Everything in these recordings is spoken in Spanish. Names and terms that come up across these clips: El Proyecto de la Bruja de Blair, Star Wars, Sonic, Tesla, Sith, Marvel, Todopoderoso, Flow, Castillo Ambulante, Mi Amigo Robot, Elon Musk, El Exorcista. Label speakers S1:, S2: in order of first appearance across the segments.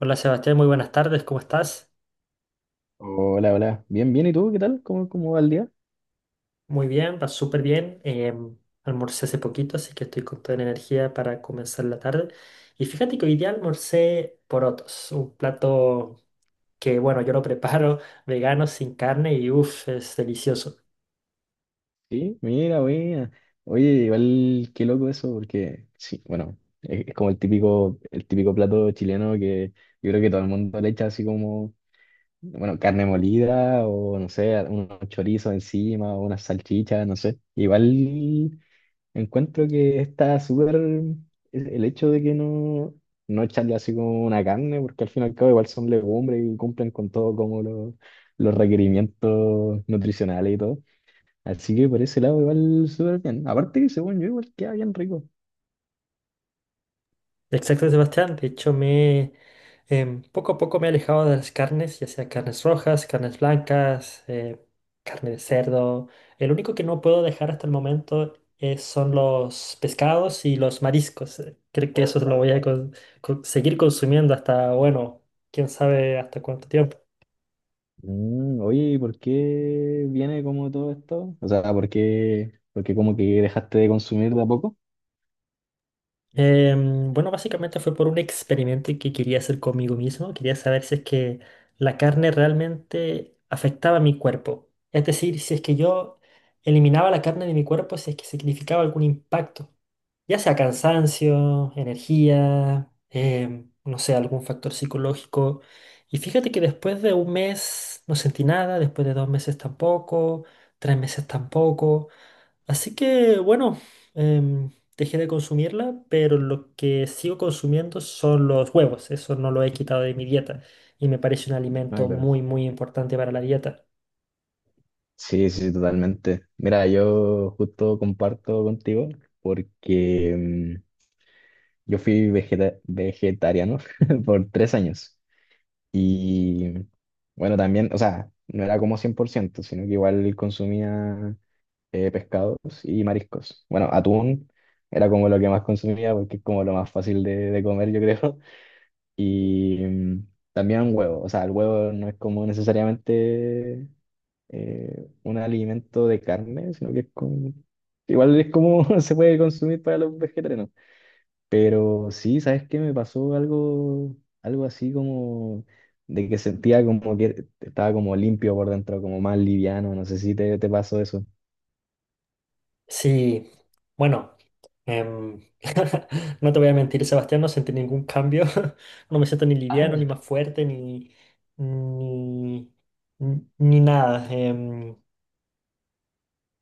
S1: Hola Sebastián, muy buenas tardes, ¿cómo estás?
S2: Hola, hola. Bien, bien. ¿Y tú qué tal? ¿Cómo va el día?
S1: Muy bien, va súper bien. Almorcé hace poquito, así que estoy con toda la energía para comenzar la tarde. Y fíjate que hoy día almorcé porotos, un plato que, bueno, yo lo preparo vegano, sin carne y uff, es delicioso.
S2: Sí, mira, buena. Oye, igual qué loco eso, porque sí, bueno, es como el típico plato chileno que yo creo que todo el mundo le echa así como, bueno, carne molida o no sé, unos chorizos encima o unas salchichas, no sé. Igual encuentro que está súper el hecho de que no, no echarle así como una carne, porque al fin y al cabo igual son legumbres y cumplen con todo como los requerimientos nutricionales y todo. Así que por ese lado igual súper bien. Aparte que según yo igual queda bien rico.
S1: Exacto, Sebastián. De hecho, poco a poco me he alejado de las carnes, ya sea carnes rojas, carnes blancas, carne de cerdo. El único que no puedo dejar hasta el momento son los pescados y los mariscos. Creo que eso lo voy a seguir consumiendo hasta, bueno, quién sabe hasta cuánto tiempo.
S2: Oye, ¿y por qué viene como todo esto? O sea, ¿por qué como que dejaste de consumir de a poco?
S1: Bueno, básicamente fue por un experimento que quería hacer conmigo mismo. Quería saber si es que la carne realmente afectaba a mi cuerpo. Es decir, si es que yo eliminaba la carne de mi cuerpo, si es que significaba algún impacto. Ya sea cansancio, energía, no sé, algún factor psicológico. Y fíjate que después de un mes no sentí nada, después de dos meses tampoco, tres meses tampoco. Así que bueno, em, dejé de consumirla, pero lo que sigo consumiendo son los huevos. Eso no lo he quitado de mi dieta y me parece un
S2: Ah,
S1: alimento
S2: claro.
S1: muy, muy importante para la dieta.
S2: Sí, sí, totalmente. Mira, yo justo comparto contigo porque yo fui vegetariano por 3 años. Y bueno, también, o sea, no era como 100% sino que igual consumía pescados y mariscos. Bueno, atún era como lo que más consumía porque es como lo más fácil de comer, yo creo. Y también huevo, o sea, el huevo no es como necesariamente un alimento de carne, sino que es como. Igual es como se puede consumir para los vegetarianos. Pero sí, ¿sabes qué? Me pasó algo así como de que sentía como que estaba como limpio por dentro, como más liviano. No sé si te pasó eso.
S1: Sí, bueno, em, no te voy a mentir, Sebastián, no sentí ningún cambio. No me siento ni
S2: Ah,
S1: liviano, ni más fuerte, ni, ni nada.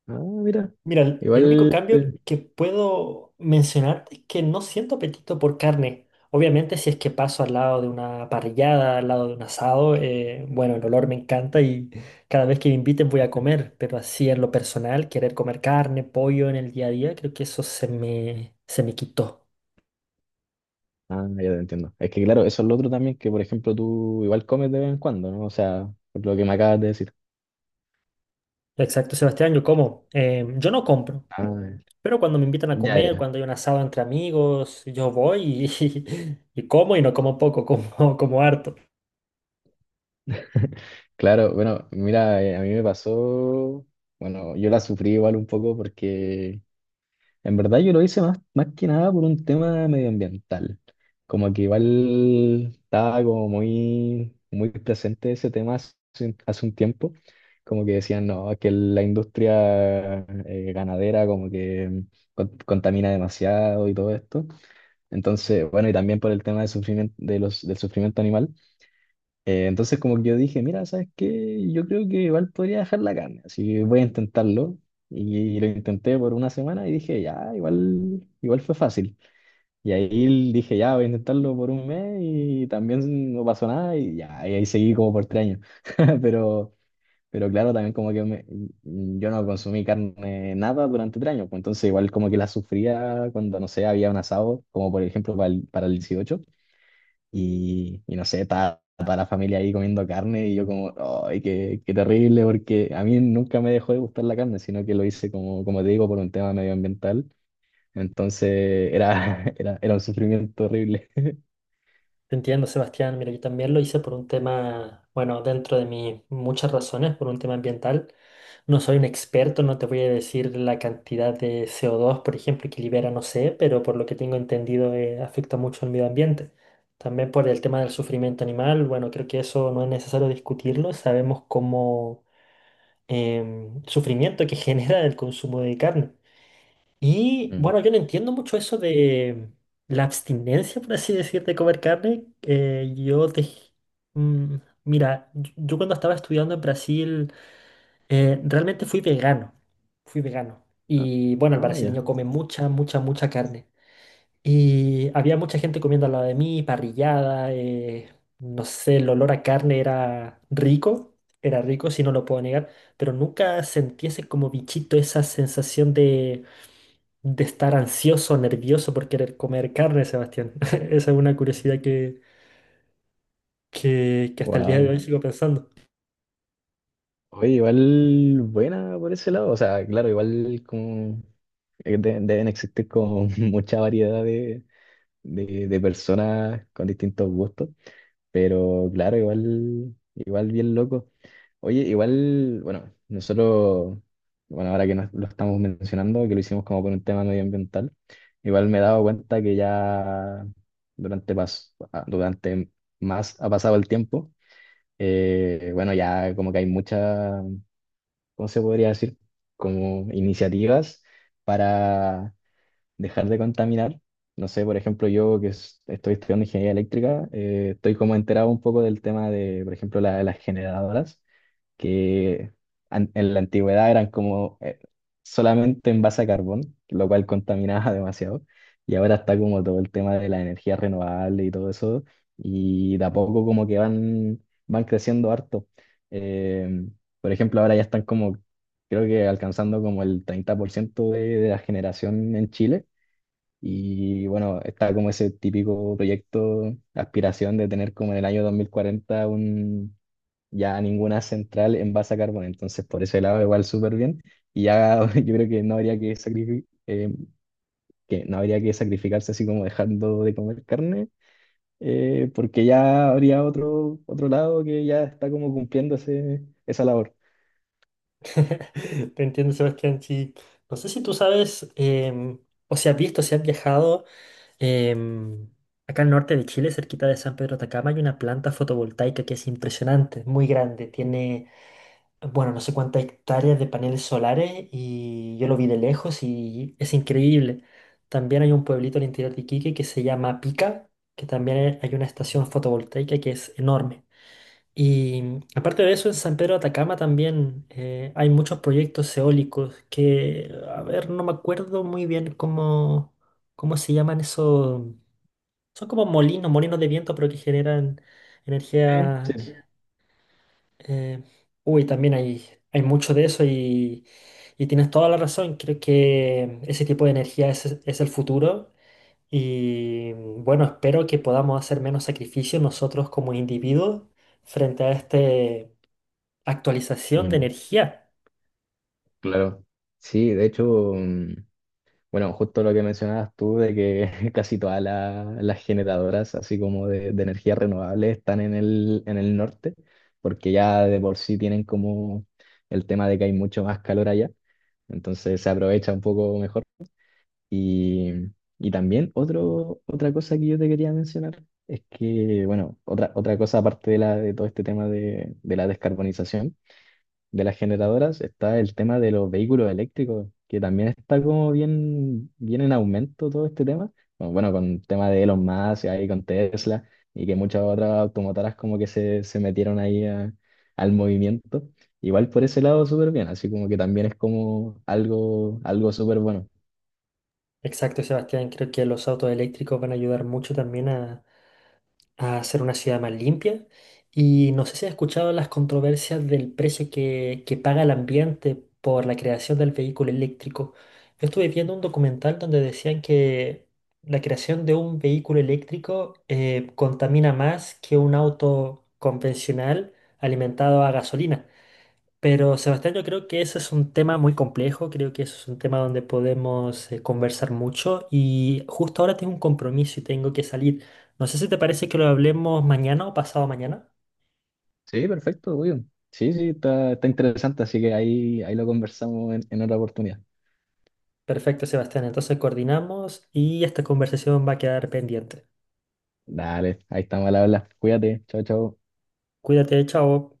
S2: ah, mira.
S1: Mira, el único
S2: Igual.
S1: cambio que puedo mencionarte es que no siento apetito por carne. Obviamente, si es que paso al lado de una parrillada, al lado de un asado, bueno, el olor me encanta y cada vez que me inviten voy a comer, pero así en lo personal, querer comer carne, pollo en el día a día, creo que eso se me quitó.
S2: Ah, ya te entiendo. Es que claro, eso es lo otro también, que por ejemplo tú igual comes de vez en cuando, ¿no? O sea, por lo que me acabas de decir.
S1: Exacto, Sebastián, yo como. Yo no compro,
S2: Ah,
S1: pero cuando me invitan a
S2: ya,
S1: comer,
S2: ya.
S1: cuando hay un asado entre amigos, yo voy y, y como y no como poco, como, como harto.
S2: Claro, bueno, mira, a mí me pasó. Bueno, yo la sufrí igual un poco porque en verdad yo lo hice más que nada por un tema medioambiental. Como que igual estaba como muy, muy presente ese tema hace un tiempo. Como que decían, no, es que la industria ganadera como que contamina demasiado y todo esto. Entonces, bueno, y también por el tema de sufrimiento, de los, del sufrimiento animal. Entonces como que yo dije, mira, ¿sabes qué? Yo creo que igual podría dejar la carne, así que voy a intentarlo. Y lo intenté por una semana y dije, ya, igual, igual fue fácil. Y ahí dije, ya, voy a intentarlo por un mes y también no pasó nada y ya, y ahí seguí como por 3 años. Pero, pero claro, también como que yo no consumí carne nada durante 3 años, pues entonces igual como que la sufría cuando, no sé, había un asado, como por ejemplo para el 18 y no sé, estaba toda la familia ahí comiendo carne y yo como, ay, qué, qué terrible, porque a mí nunca me dejó de gustar la carne, sino que lo hice como, como te digo, por un tema medioambiental. Entonces era, era un sufrimiento horrible.
S1: Te entiendo, Sebastián. Mira, yo también lo hice por un tema, bueno, dentro de mis muchas razones, por un tema ambiental. No soy un experto, no te voy a decir la cantidad de CO2, por ejemplo, que libera, no sé, pero por lo que tengo entendido, afecta mucho al medio ambiente. También por el tema del sufrimiento animal, bueno, creo que eso no es necesario discutirlo. Sabemos cómo sufrimiento que genera el consumo de carne. Y
S2: Mm.
S1: bueno, yo no entiendo mucho eso de la abstinencia, por así decir, de comer carne. Mm, mira, yo cuando estaba estudiando en Brasil, realmente fui vegano. Fui vegano.
S2: Ah,
S1: Y bueno, el
S2: ah, ya.
S1: brasileño come mucha, mucha, mucha carne. Y había mucha gente comiendo al lado de mí, parrillada, no sé, el olor a carne era rico, si no lo puedo negar, pero nunca sentí ese como bichito, esa sensación de estar ansioso, nervioso por querer comer carne, Sebastián. Esa es una curiosidad que hasta el día de
S2: Wow.
S1: hoy sigo pensando.
S2: Oye, igual buena por ese lado. O sea, claro, igual como deben existir como mucha variedad de personas con distintos gustos. Pero claro, igual bien loco. Oye, igual, bueno, nosotros, bueno, ahora que lo estamos mencionando, que lo hicimos como por un tema medioambiental, igual me he dado cuenta que ya durante más ha pasado el tiempo, bueno, ya como que hay muchas, ¿cómo se podría decir? Como iniciativas para dejar de contaminar. No sé, por ejemplo, yo que estoy estudiando ingeniería eléctrica, estoy como enterado un poco del tema de, por ejemplo, las generadoras que en la antigüedad eran como solamente en base a carbón, lo cual contaminaba demasiado, y ahora está como todo el tema de la energía renovable y todo eso, y de a poco como que van creciendo harto. Eh, por ejemplo, ahora ya están como, creo que alcanzando como el 30% de la generación en Chile. Y bueno, está como ese típico proyecto, aspiración de tener como en el año 2040 ya ninguna central envasa carbón, entonces por ese lado igual súper bien. Y ya yo creo que no habría que sacrifi- que no habría que sacrificarse así como dejando de comer carne, porque ya habría otro, otro lado que ya está como cumpliendo esa labor.
S1: Te entiendo, Sebastián. Sí. No sé si tú sabes, o si has visto, si has viajado, em, acá al norte de Chile, cerquita de San Pedro de Atacama, hay una planta fotovoltaica que es impresionante, muy grande. Tiene bueno, no sé cuántas hectáreas de paneles solares y yo lo vi de lejos y es increíble. También hay un pueblito al interior de Iquique que se llama Pica, que también hay una estación fotovoltaica que es enorme. Y aparte de eso, en San Pedro de Atacama también hay muchos proyectos eólicos que, a ver, no me acuerdo muy bien cómo se llaman esos. Son como molinos, molinos de viento, pero que generan
S2: Sí.
S1: energía
S2: Sí.
S1: eh, también hay mucho de eso y tienes toda la razón. Creo que ese tipo de energía es el futuro y bueno, espero que podamos hacer menos sacrificios nosotros como individuos frente a esta actualización de
S2: Mm,
S1: energía.
S2: claro. Sí, de hecho, bueno, justo lo que mencionabas tú de que casi todas las generadoras, así como de energía renovable, están en el norte, porque ya de por sí tienen como el tema de que hay mucho más calor allá, entonces se aprovecha un poco mejor. Y, y también otro, otra cosa que yo te quería mencionar es que, bueno, otra cosa aparte de todo este tema de la descarbonización de las generadoras está el tema de los vehículos eléctricos, que también está como bien, bien en aumento todo este tema. Bueno, bueno, con el tema de Elon Musk y ahí con Tesla y que muchas otras automotoras como que se metieron ahí al movimiento. Igual por ese lado súper bien, así como que también es como algo súper bueno.
S1: Exacto, Sebastián. Creo que los autos eléctricos van a ayudar mucho también a ser una ciudad más limpia. Y no sé si has escuchado las controversias del precio que paga el ambiente por la creación del vehículo eléctrico. Yo estuve viendo un documental donde decían que la creación de un vehículo eléctrico contamina más que un auto convencional alimentado a gasolina. Pero Sebastián, yo creo que ese es un tema muy complejo, creo que eso es un tema donde podemos conversar mucho y justo ahora tengo un compromiso y tengo que salir. No sé si te parece que lo hablemos mañana o pasado mañana.
S2: Sí, perfecto, muy bien. Sí, sí, está interesante, así que ahí lo conversamos en otra oportunidad.
S1: Perfecto, Sebastián, entonces coordinamos y esta conversación va a quedar pendiente.
S2: Dale, ahí estamos al habla. Cuídate, chao, chao.
S1: Cuídate, chao.